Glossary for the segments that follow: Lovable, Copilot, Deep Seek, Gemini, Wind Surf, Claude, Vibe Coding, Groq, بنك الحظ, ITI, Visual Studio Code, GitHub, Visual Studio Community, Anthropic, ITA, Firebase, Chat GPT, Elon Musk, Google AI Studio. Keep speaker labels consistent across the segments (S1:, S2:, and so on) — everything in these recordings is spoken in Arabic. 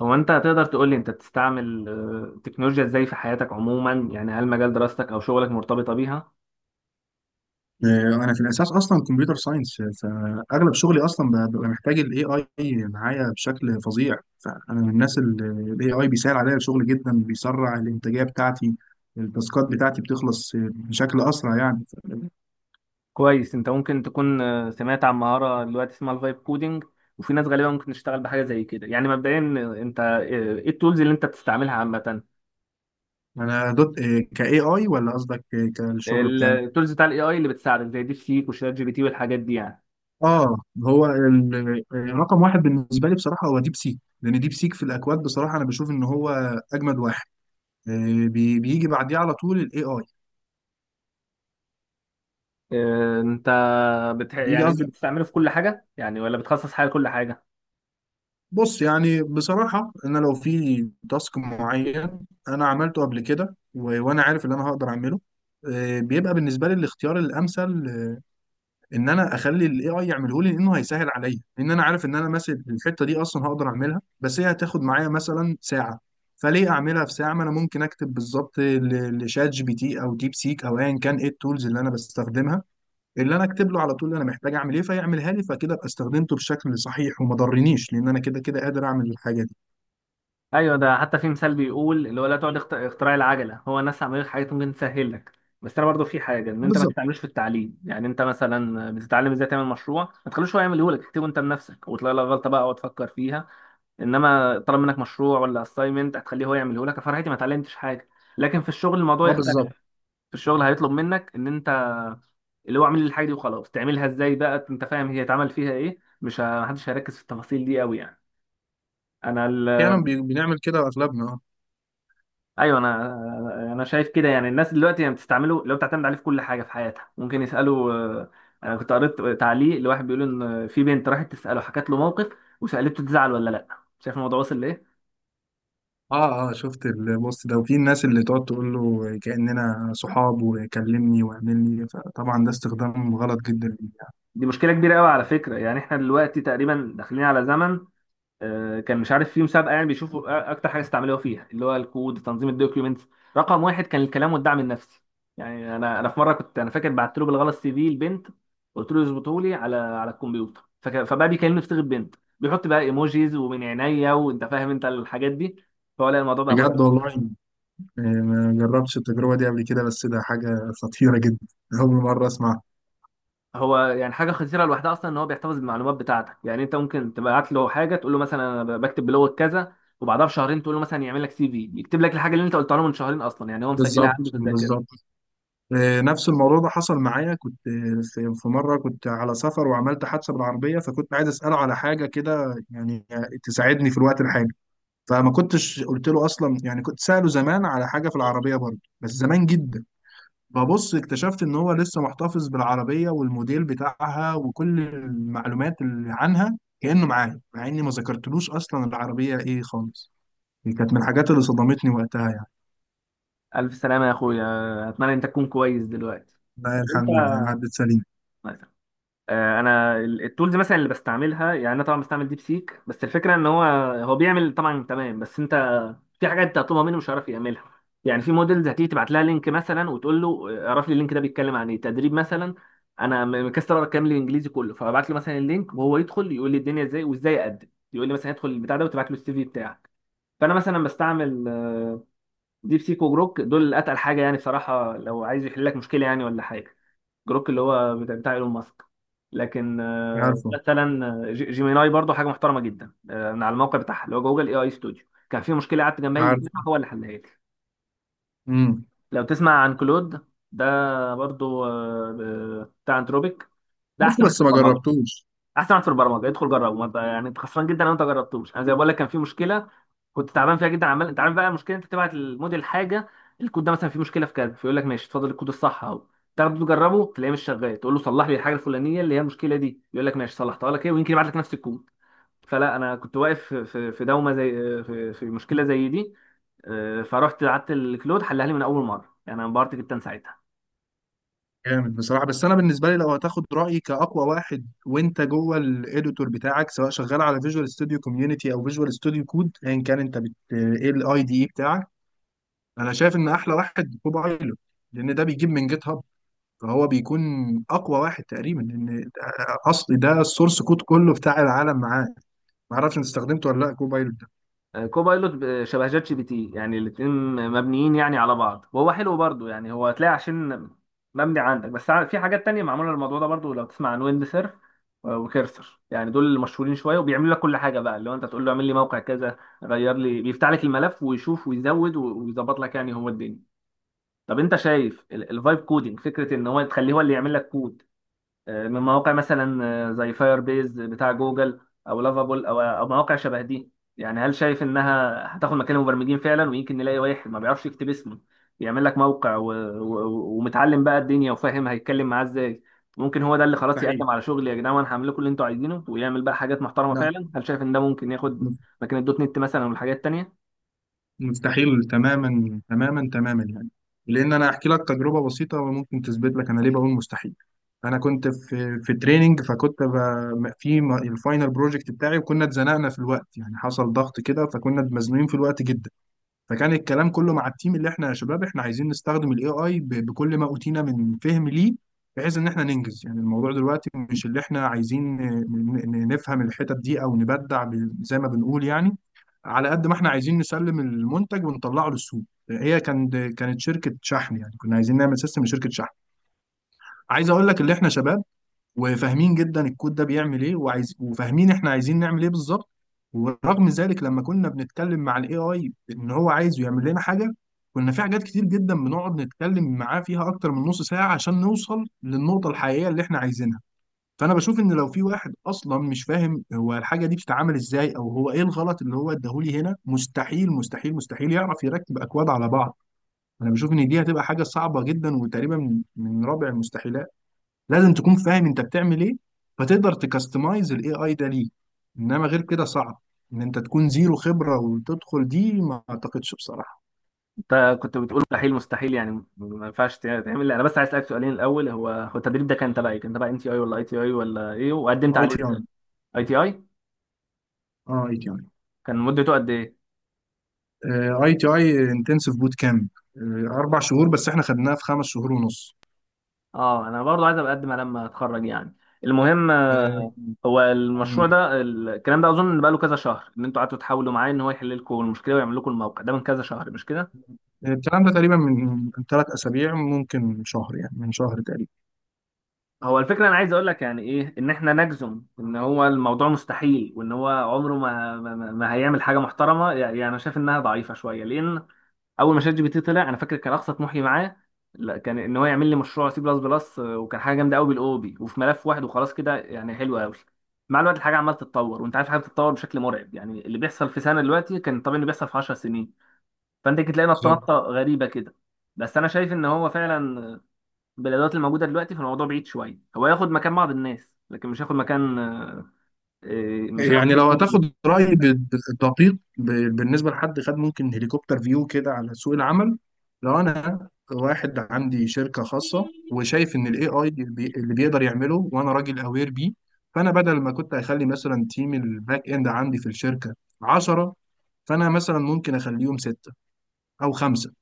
S1: هو انت تقدر تقول لي انت بتستعمل التكنولوجيا ازاي في حياتك عموما يعني هل مجال دراستك او شغلك مرتبطه بيها؟
S2: آه، انا في الاساس اصلا كمبيوتر ساينس، فاغلب شغلي اصلا ببقى محتاج الاي اي معايا بشكل فظيع، فانا من الناس اللي الاي اي بيسهل عليا الشغل جدا، بيسرع الانتاجيه بتاعتي. التاسكات بتاعتي بتخلص بشكل اسرع يعني.
S1: كويس. انت ممكن تكون سمعت عن مهاره دلوقتي اسمها الفايب كودينج، وفي ناس غالبا ممكن تشتغل بحاجه زي كده. يعني مبدئيا، انت ايه التولز اللي انت بتستعملها عامه؟
S2: انا دوت كاي اي، ولا قصدك كالشغل بتاعي؟
S1: التولز بتاع الاي اي اللي بتساعدك زي ديب سيك وشات جي بي تي والحاجات دي يعني.
S2: اه. هو رقم واحد بالنسبه لي بصراحه هو ديب سيك، لان ديب سيك في الاكواد بصراحه انا بشوف ان هو اجمد واحد. بيجي بعديه على طول الاي اي.
S1: انت
S2: بيجي
S1: يعني انت
S2: قصدي.
S1: بتستعمله في كل حاجه يعني، ولا بتخصص حاجه لكل حاجه؟
S2: بص، يعني بصراحة أنا لو في تاسك معين أنا عملته قبل كده وأنا عارف إن أنا هقدر أعمله، بيبقى بالنسبة لي الاختيار الأمثل إن أنا أخلي ال AI يعمله لي، لأنه هيسهل عليا، لأن أنا عارف إن أنا مثلا الحتة دي أصلا هقدر أعملها، بس هي هتاخد معايا مثلا ساعة. فليه أعملها في ساعة ما أنا ممكن أكتب بالظبط لشات جي بي تي أو ديب سيك أو أيا كان إيه التولز اللي أنا بستخدمها، اللي انا اكتب له على طول انا محتاج اعمل ايه، فيعملها لي. فكده ابقى استخدمته بشكل صحيح وما ضرنيش، لان انا كده كده قادر اعمل الحاجه.
S1: ايوه، ده حتى في مثال بيقول اللي هو لا تقعد اختراع العجله، هو الناس عملت حاجات ممكن تسهل لك. بس انا برضو في حاجه ان انت ما
S2: بالظبط.
S1: تستعملوش في التعليم، يعني انت مثلا بتتعلم ازاي تعمل مشروع، ما تخلوش هو يعمله لك، تكتبه انت بنفسك وتلاقي لك غلطه بقى وتفكر فيها. انما طلب منك مشروع ولا اساينمنت هتخليه هو يعمله لك، فرحتي ما اتعلمتش حاجه. لكن في الشغل الموضوع
S2: اه
S1: يختلف.
S2: بالظبط.
S1: في الشغل هيطلب منك ان انت اللي هو اعمل لي الحاجه دي وخلاص، تعملها ازاي بقى انت فاهم هي اتعمل فيها ايه، مش محدش هيركز في التفاصيل دي قوي يعني. انا
S2: احيانا بنعمل كده اغلبنا، اه.
S1: ايوه انا انا شايف كده. يعني الناس دلوقتي يعني بتستعمله، لو بتعتمد عليه في كل حاجه في حياتها ممكن يسالوا، انا كنت قريت تعليق لواحد بيقول ان في بنت راحت تساله، حكت له موقف وسالته تزعل ولا لا. شايف الموضوع واصل لايه؟
S2: اه، شفت البوست ده وفي الناس اللي تقعد تقول له كأننا صحاب وكلمني واعملني، فطبعا ده استخدام غلط جدا ليه يعني.
S1: دي مشكله كبيره قوي على فكره. يعني احنا دلوقتي تقريبا داخلين على زمن، كان مش عارف في مسابقه يعني بيشوفوا اكتر حاجه استعملوها فيها اللي هو الكود، تنظيم الدوكيومنتس، رقم واحد كان الكلام والدعم النفسي. يعني انا في مره كنت انا فاكر بعت له بالغلط سي في البنت، قلت له يظبطه لي على الكمبيوتر، فبقى بيكلمني بصيغه بنت، بيحط بقى ايموجيز ومن عينيا وانت فاهم انت الحاجات دي. فهو لا، الموضوع بقى مرعب.
S2: بجد والله. ما جربتش التجربة دي قبل كده، بس ده حاجة خطيرة جدا. أول مرة أسمعها.
S1: هو يعني حاجه خطيره لوحدها اصلا ان هو بيحتفظ بالمعلومات بتاعتك، يعني انت ممكن تبعت له حاجه تقول له مثلا انا بكتب بلغه كذا، وبعدها بشهرين تقول له مثلا يعمل لك سي في، يكتب لك الحاجه اللي انت قلتها له من شهرين، اصلا يعني هو مسجلها
S2: بالظبط
S1: عنده في
S2: بالظبط.
S1: الذاكره.
S2: نفس الموضوع ده حصل معايا. كنت في مرة كنت على سفر وعملت حادثة بالعربية، فكنت عايز أسأله على حاجة كده يعني تساعدني في الوقت الحالي. فما كنتش قلت له اصلا يعني، كنت ساله زمان على حاجه في العربيه برضه بس زمان جدا. ببص اكتشفت ان هو لسه محتفظ بالعربيه والموديل بتاعها وكل المعلومات اللي عنها كانه معايا، مع اني ما ذكرتلوش اصلا العربيه ايه خالص. دي كانت من الحاجات اللي صدمتني وقتها يعني.
S1: ألف سلامة يا أخويا، أتمنى أنت تكون كويس دلوقتي.
S2: لا،
S1: أنت
S2: الحمد لله عدت سليم.
S1: مثلا، أنا التولز مثلا اللي بستعملها، يعني أنا طبعا بستعمل ديب سيك، بس الفكرة إن هو هو بيعمل طبعا تمام، بس أنت في حاجات أنت هتطلبها منه مش هيعرف يعملها. يعني في موديلز هتيجي تبعت لها لينك مثلا وتقول له اعرف لي اللينك ده بيتكلم عن إيه، تدريب مثلا. أنا مكسر أقرأ الكلام الإنجليزي كله، فببعت له مثلا اللينك وهو يدخل يقول لي الدنيا إزاي وإزاي أقدم، يقول لي مثلا ادخل البتاع ده وتبعت له السي في بتاعك. فأنا مثلا بستعمل ديب سيك وجروك، دول اتقل حاجه يعني بصراحه لو عايز يحل لك مشكله يعني ولا حاجه. جروك اللي هو بتاع ايلون ماسك. لكن
S2: عارفه.
S1: مثلا جيميناي برضو حاجه محترمه جدا، من على الموقع بتاعها اللي هو جوجل اي اي ستوديو، كان في مشكله قعدت جنبي
S2: عارفه.
S1: هو اللي حلها لي.
S2: امم.
S1: لو تسمع عن كلود، ده برضو بتاع انتروبيك، ده
S2: عارفه
S1: احسن واحد
S2: بس
S1: في
S2: ما
S1: البرمجه.
S2: جربتوش.
S1: احسن واحد في البرمجه، ادخل جربه. ما انت يعني انت خسران جدا لو انت جربتوش. انا زي ما بقول لك كان في مشكله كنت تعبان فيها جدا، عمال انت عارف بقى المشكله، انت تبعت الموديل حاجه، الكود ده مثلا فيه مشكله في كذا، فيقول لك ماشي اتفضل الكود الصح اهو، تاخده تجربه تلاقيه مش شغال، تقول له صلح لي الحاجه الفلانيه اللي هي المشكله دي، يقول لك ماشي صلحتها لك، ايه ويمكن يبعت لك نفس الكود. فلا، انا كنت واقف في دومه زي، في مشكله زي دي، فرحت قعدت الكلود حلها لي من اول مره، يعني انا انبهرت جدا ساعتها.
S2: جامد بصراحة. بس أنا بالنسبة لي لو هتاخد رأيي كأقوى واحد وأنت جوه الإديتور بتاعك، سواء شغال على فيجوال ستوديو كوميونيتي أو فيجوال ستوديو كود أيا كان أنت بت إيه الأي دي إي بتاعك، أنا شايف إن أحلى واحد كوبايلوت، لأن ده بيجيب من جيت هاب، فهو بيكون أقوى واحد تقريبا، لأن أصل ده السورس كود كله بتاع العالم معاه. معرفش أنت استخدمته ولا لأ كوبايلوت ده؟
S1: كوبايلوت شبه جات جي بي تي، يعني الاتنين مبنيين يعني على بعض، وهو حلو برضو. يعني هو هتلاقي عشان مبني عندك، بس في حاجات تانية معمولة للموضوع ده برضو. لو تسمع عن ويند سيرف وكيرسر، يعني دول اللي مشهورين شوية وبيعملوا لك كل حاجة بقى، اللي هو انت تقول له اعمل لي موقع كذا، غير لي، بيفتح لك الملف ويشوف ويزود ويظبط لك، يعني هو الدنيا. طب انت شايف الفايب كودينج، فكرة ان هو تخليه هو اللي يعمل لك كود من مواقع مثلا زي فاير بيز بتاع جوجل، او لافابول او مواقع شبه دي، يعني هل شايف انها هتاخد مكان المبرمجين فعلا؟ ويمكن نلاقي واحد ما بيعرفش يكتب اسمه يعمل لك موقع ومتعلم بقى الدنيا وفاهم هيتكلم معاه ازاي، ممكن هو ده اللي خلاص
S2: مستحيل.
S1: يقدم على شغل يا جدعان وانا هعمل لكم اللي انتوا عايزينه، ويعمل بقى حاجات محترمه
S2: لا.
S1: فعلا. هل شايف ان ده ممكن ياخد مكان الدوت نت مثلا والحاجات التانيه؟
S2: مستحيل تماما تماما تماما يعني. لان انا احكي لك تجربه بسيطه وممكن تثبت لك انا ليه بقول مستحيل. انا كنت في تريننج، فكنت الفاينل بروجكت بتاعي، وكنا اتزنقنا في الوقت، يعني حصل ضغط كده فكنا مزنوقين في الوقت جدا. فكان الكلام كله مع التيم اللي احنا يا شباب احنا عايزين نستخدم الاي اي بكل ما اوتينا من فهم ليه، بحيث ان احنا ننجز يعني. الموضوع دلوقتي مش اللي احنا عايزين نفهم الحتت دي او نبدع زي ما بنقول يعني، على قد ما احنا عايزين نسلم المنتج ونطلعه للسوق. هي كانت شركه شحن، يعني كنا عايزين نعمل سيستم لشركه شحن. عايز اقول لك اللي احنا شباب وفاهمين جدا الكود ده بيعمل ايه وعايز وفاهمين احنا عايزين نعمل ايه بالظبط، ورغم ذلك لما كنا بنتكلم مع الاي اي ان هو عايزه يعمل لنا حاجه، كنا في حاجات كتير جدا بنقعد نتكلم معاه فيها اكتر من نص ساعه عشان نوصل للنقطه الحقيقيه اللي احنا عايزينها. فانا بشوف ان لو في واحد اصلا مش فاهم هو الحاجه دي بتتعمل ازاي او هو ايه الغلط اللي هو اداهولي هنا، مستحيل مستحيل مستحيل يعرف يركب اكواد على بعض. انا بشوف ان دي هتبقى حاجه صعبه جدا وتقريبا من رابع المستحيلات. لازم تكون فاهم انت بتعمل ايه فتقدر تكستمايز الاي اي ده ليك، انما غير كده صعب ان انت تكون زيرو خبرة وتدخل دي، ما اعتقدش بصراحة.
S1: انت كنت بتقول مستحيل مستحيل، يعني ما ينفعش تعمل. انا بس عايز اسالك سؤالين، الاول هو هو التدريب ده كان تبع ايه، كان تبع ام تي اي ولا اي تي اي ولا ايه، وقدمت
S2: اي تي
S1: عليه؟
S2: اي.
S1: اي تي اي،
S2: اه اي تي اي.
S1: كان مدته قد ايه؟
S2: اي تي اي انتنسيف بوت كامب. 4 شهور، بس احنا خدناها في 5 شهور ونص.
S1: اه انا برضو عايز ابقى اقدم على لما اتخرج يعني. المهم،
S2: آه،
S1: هو
S2: مم.
S1: المشروع ده الكلام ده اظن بقى له كذا شهر ان انتوا قعدتوا تحاولوا معاه ان هو يحل لكم المشكله ويعمل لكم الموقع ده، من كذا شهر مش كده؟
S2: الكلام ده تقريبا من 3 اسابيع ممكن شهر، يعني من شهر تقريبا.
S1: هو الفكره انا عايز اقول لك، يعني ايه ان احنا نجزم ان هو الموضوع مستحيل وان هو عمره ما هيعمل حاجه محترمه، يعني انا شايف انها ضعيفه شويه. لان اول ما شات جي بي تي طلع انا فاكر كان اقصى طموحي معاه، لا، كان ان هو يعمل لي مشروع سي بلس بلس وكان حاجه جامده قوي بالاو بي وفي ملف واحد وخلاص كده يعني، حلو قوي. مع الوقت الحاجه عماله تتطور، وانت عارف الحاجه بتتطور بشكل مرعب، يعني اللي بيحصل في سنه دلوقتي كان طبيعي انه بيحصل في 10 سنين. فانت كنت تلاقي
S2: بالظبط.
S1: نطه غريبه كده. بس انا شايف ان هو فعلا بالادوات الموجوده دلوقتي فالموضوع بعيد شويه، هو ياخد مكان بعض الناس لكن مش هياخد مكان، مش هياخد.
S2: يعني لو هتاخد رأيي بالدقيق بالنسبة لحد خد ممكن هليكوبتر فيو كده على سوق العمل. لو أنا واحد عندي شركة خاصة وشايف إن ال AI اللي بيقدر يعمله وأنا راجل أوير بيه، فأنا بدل ما كنت أخلي مثلا تيم الباك إند عندي في الشركة 10، فأنا مثلا ممكن أخليهم 6 أو 5.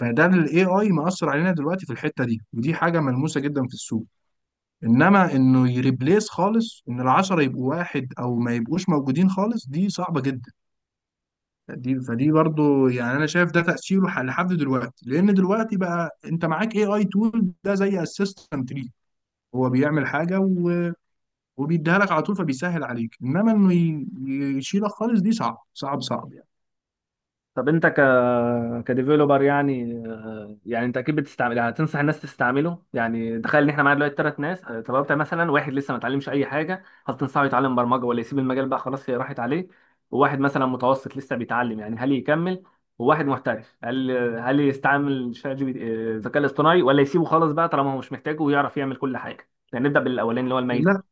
S2: فده ال AI مأثر علينا دلوقتي في الحتة دي، ودي حاجة ملموسة جدا في السوق. انما انه يريبليس خالص ان العشرة يبقوا واحد او ما يبقوش موجودين خالص، دي صعبة جدا. دي فدي برضو يعني، انا شايف ده تأثيره لحد دلوقتي، لان دلوقتي بقى انت معاك اي اي تول ده زي اسيستنت ليك، هو بيعمل حاجة وبيديها لك على طول فبيسهل عليك، انما انه يشيلك خالص دي صعب صعب صعب يعني.
S1: طب انت كديفيلوبر يعني يعني انت اكيد بتستعمل، يعني هتنصح الناس تستعمله. يعني تخيل ان احنا معانا دلوقتي ثلاث ناس، طب انت مثلا واحد لسه ما اتعلمش اي حاجه، هل تنصحه يتعلم برمجه ولا يسيب المجال بقى، خلاص هي راحت عليه؟ وواحد مثلا متوسط لسه بيتعلم، يعني هل يكمل؟ وواحد محترف، هل يستعمل شات جي بي تي- آه، الذكاء الاصطناعي ولا يسيبه خالص بقى طالما هو مش محتاجه ويعرف يعمل كل حاجه؟ يعني نبدا بالاولاني اللي هو الميت
S2: لا،
S1: خالص.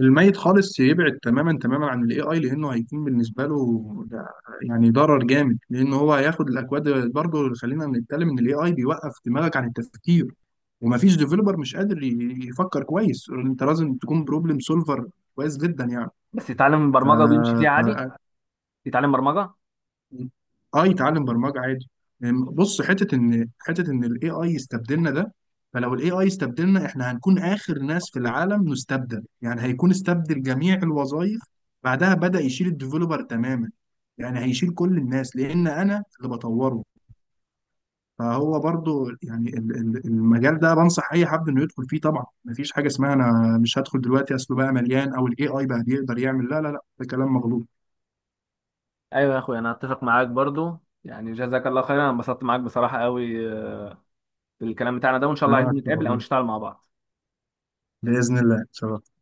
S2: الميت خالص يبعد تماما تماما عن الاي اي، لانه هيكون بالنسبه له ده يعني ضرر جامد، لانه هو هياخد الاكواد برضه. خلينا نتكلم ان الاي اي بيوقف دماغك عن التفكير، ومفيش ديفلوبر مش قادر يفكر كويس. انت لازم تكون بروبلم سولفر كويس جدا يعني.
S1: بس يتعلم
S2: ف
S1: برمجه ويمشي فيها عادي، يتعلم برمجه.
S2: اه يتعلم برمجه عادي. يعني بص، حته ان الاي اي يستبدلنا ده، فلو الاي اي استبدلنا احنا هنكون اخر ناس في العالم نستبدل، يعني هيكون استبدل جميع الوظائف بعدها بدأ يشيل الديفلوبر تماما. يعني هيشيل كل الناس لان انا اللي بطوره. فهو برضو يعني المجال ده بنصح اي حد انه يدخل فيه طبعا، مفيش حاجه اسمها انا مش هدخل دلوقتي اصله بقى مليان او الاي اي بقى بيقدر يعمل، لا لا لا ده كلام مغلوط.
S1: ايوه يا اخويا انا اتفق معاك برضو. يعني جزاك الله خيرا، انا انبسطت معاك بصراحه قوي بالكلام بتاعنا ده، وان شاء الله
S2: انا
S1: عايزين
S2: اكتر
S1: نتقابل او
S2: والله.
S1: نشتغل مع بعض.
S2: باذن الله ان شاء الله.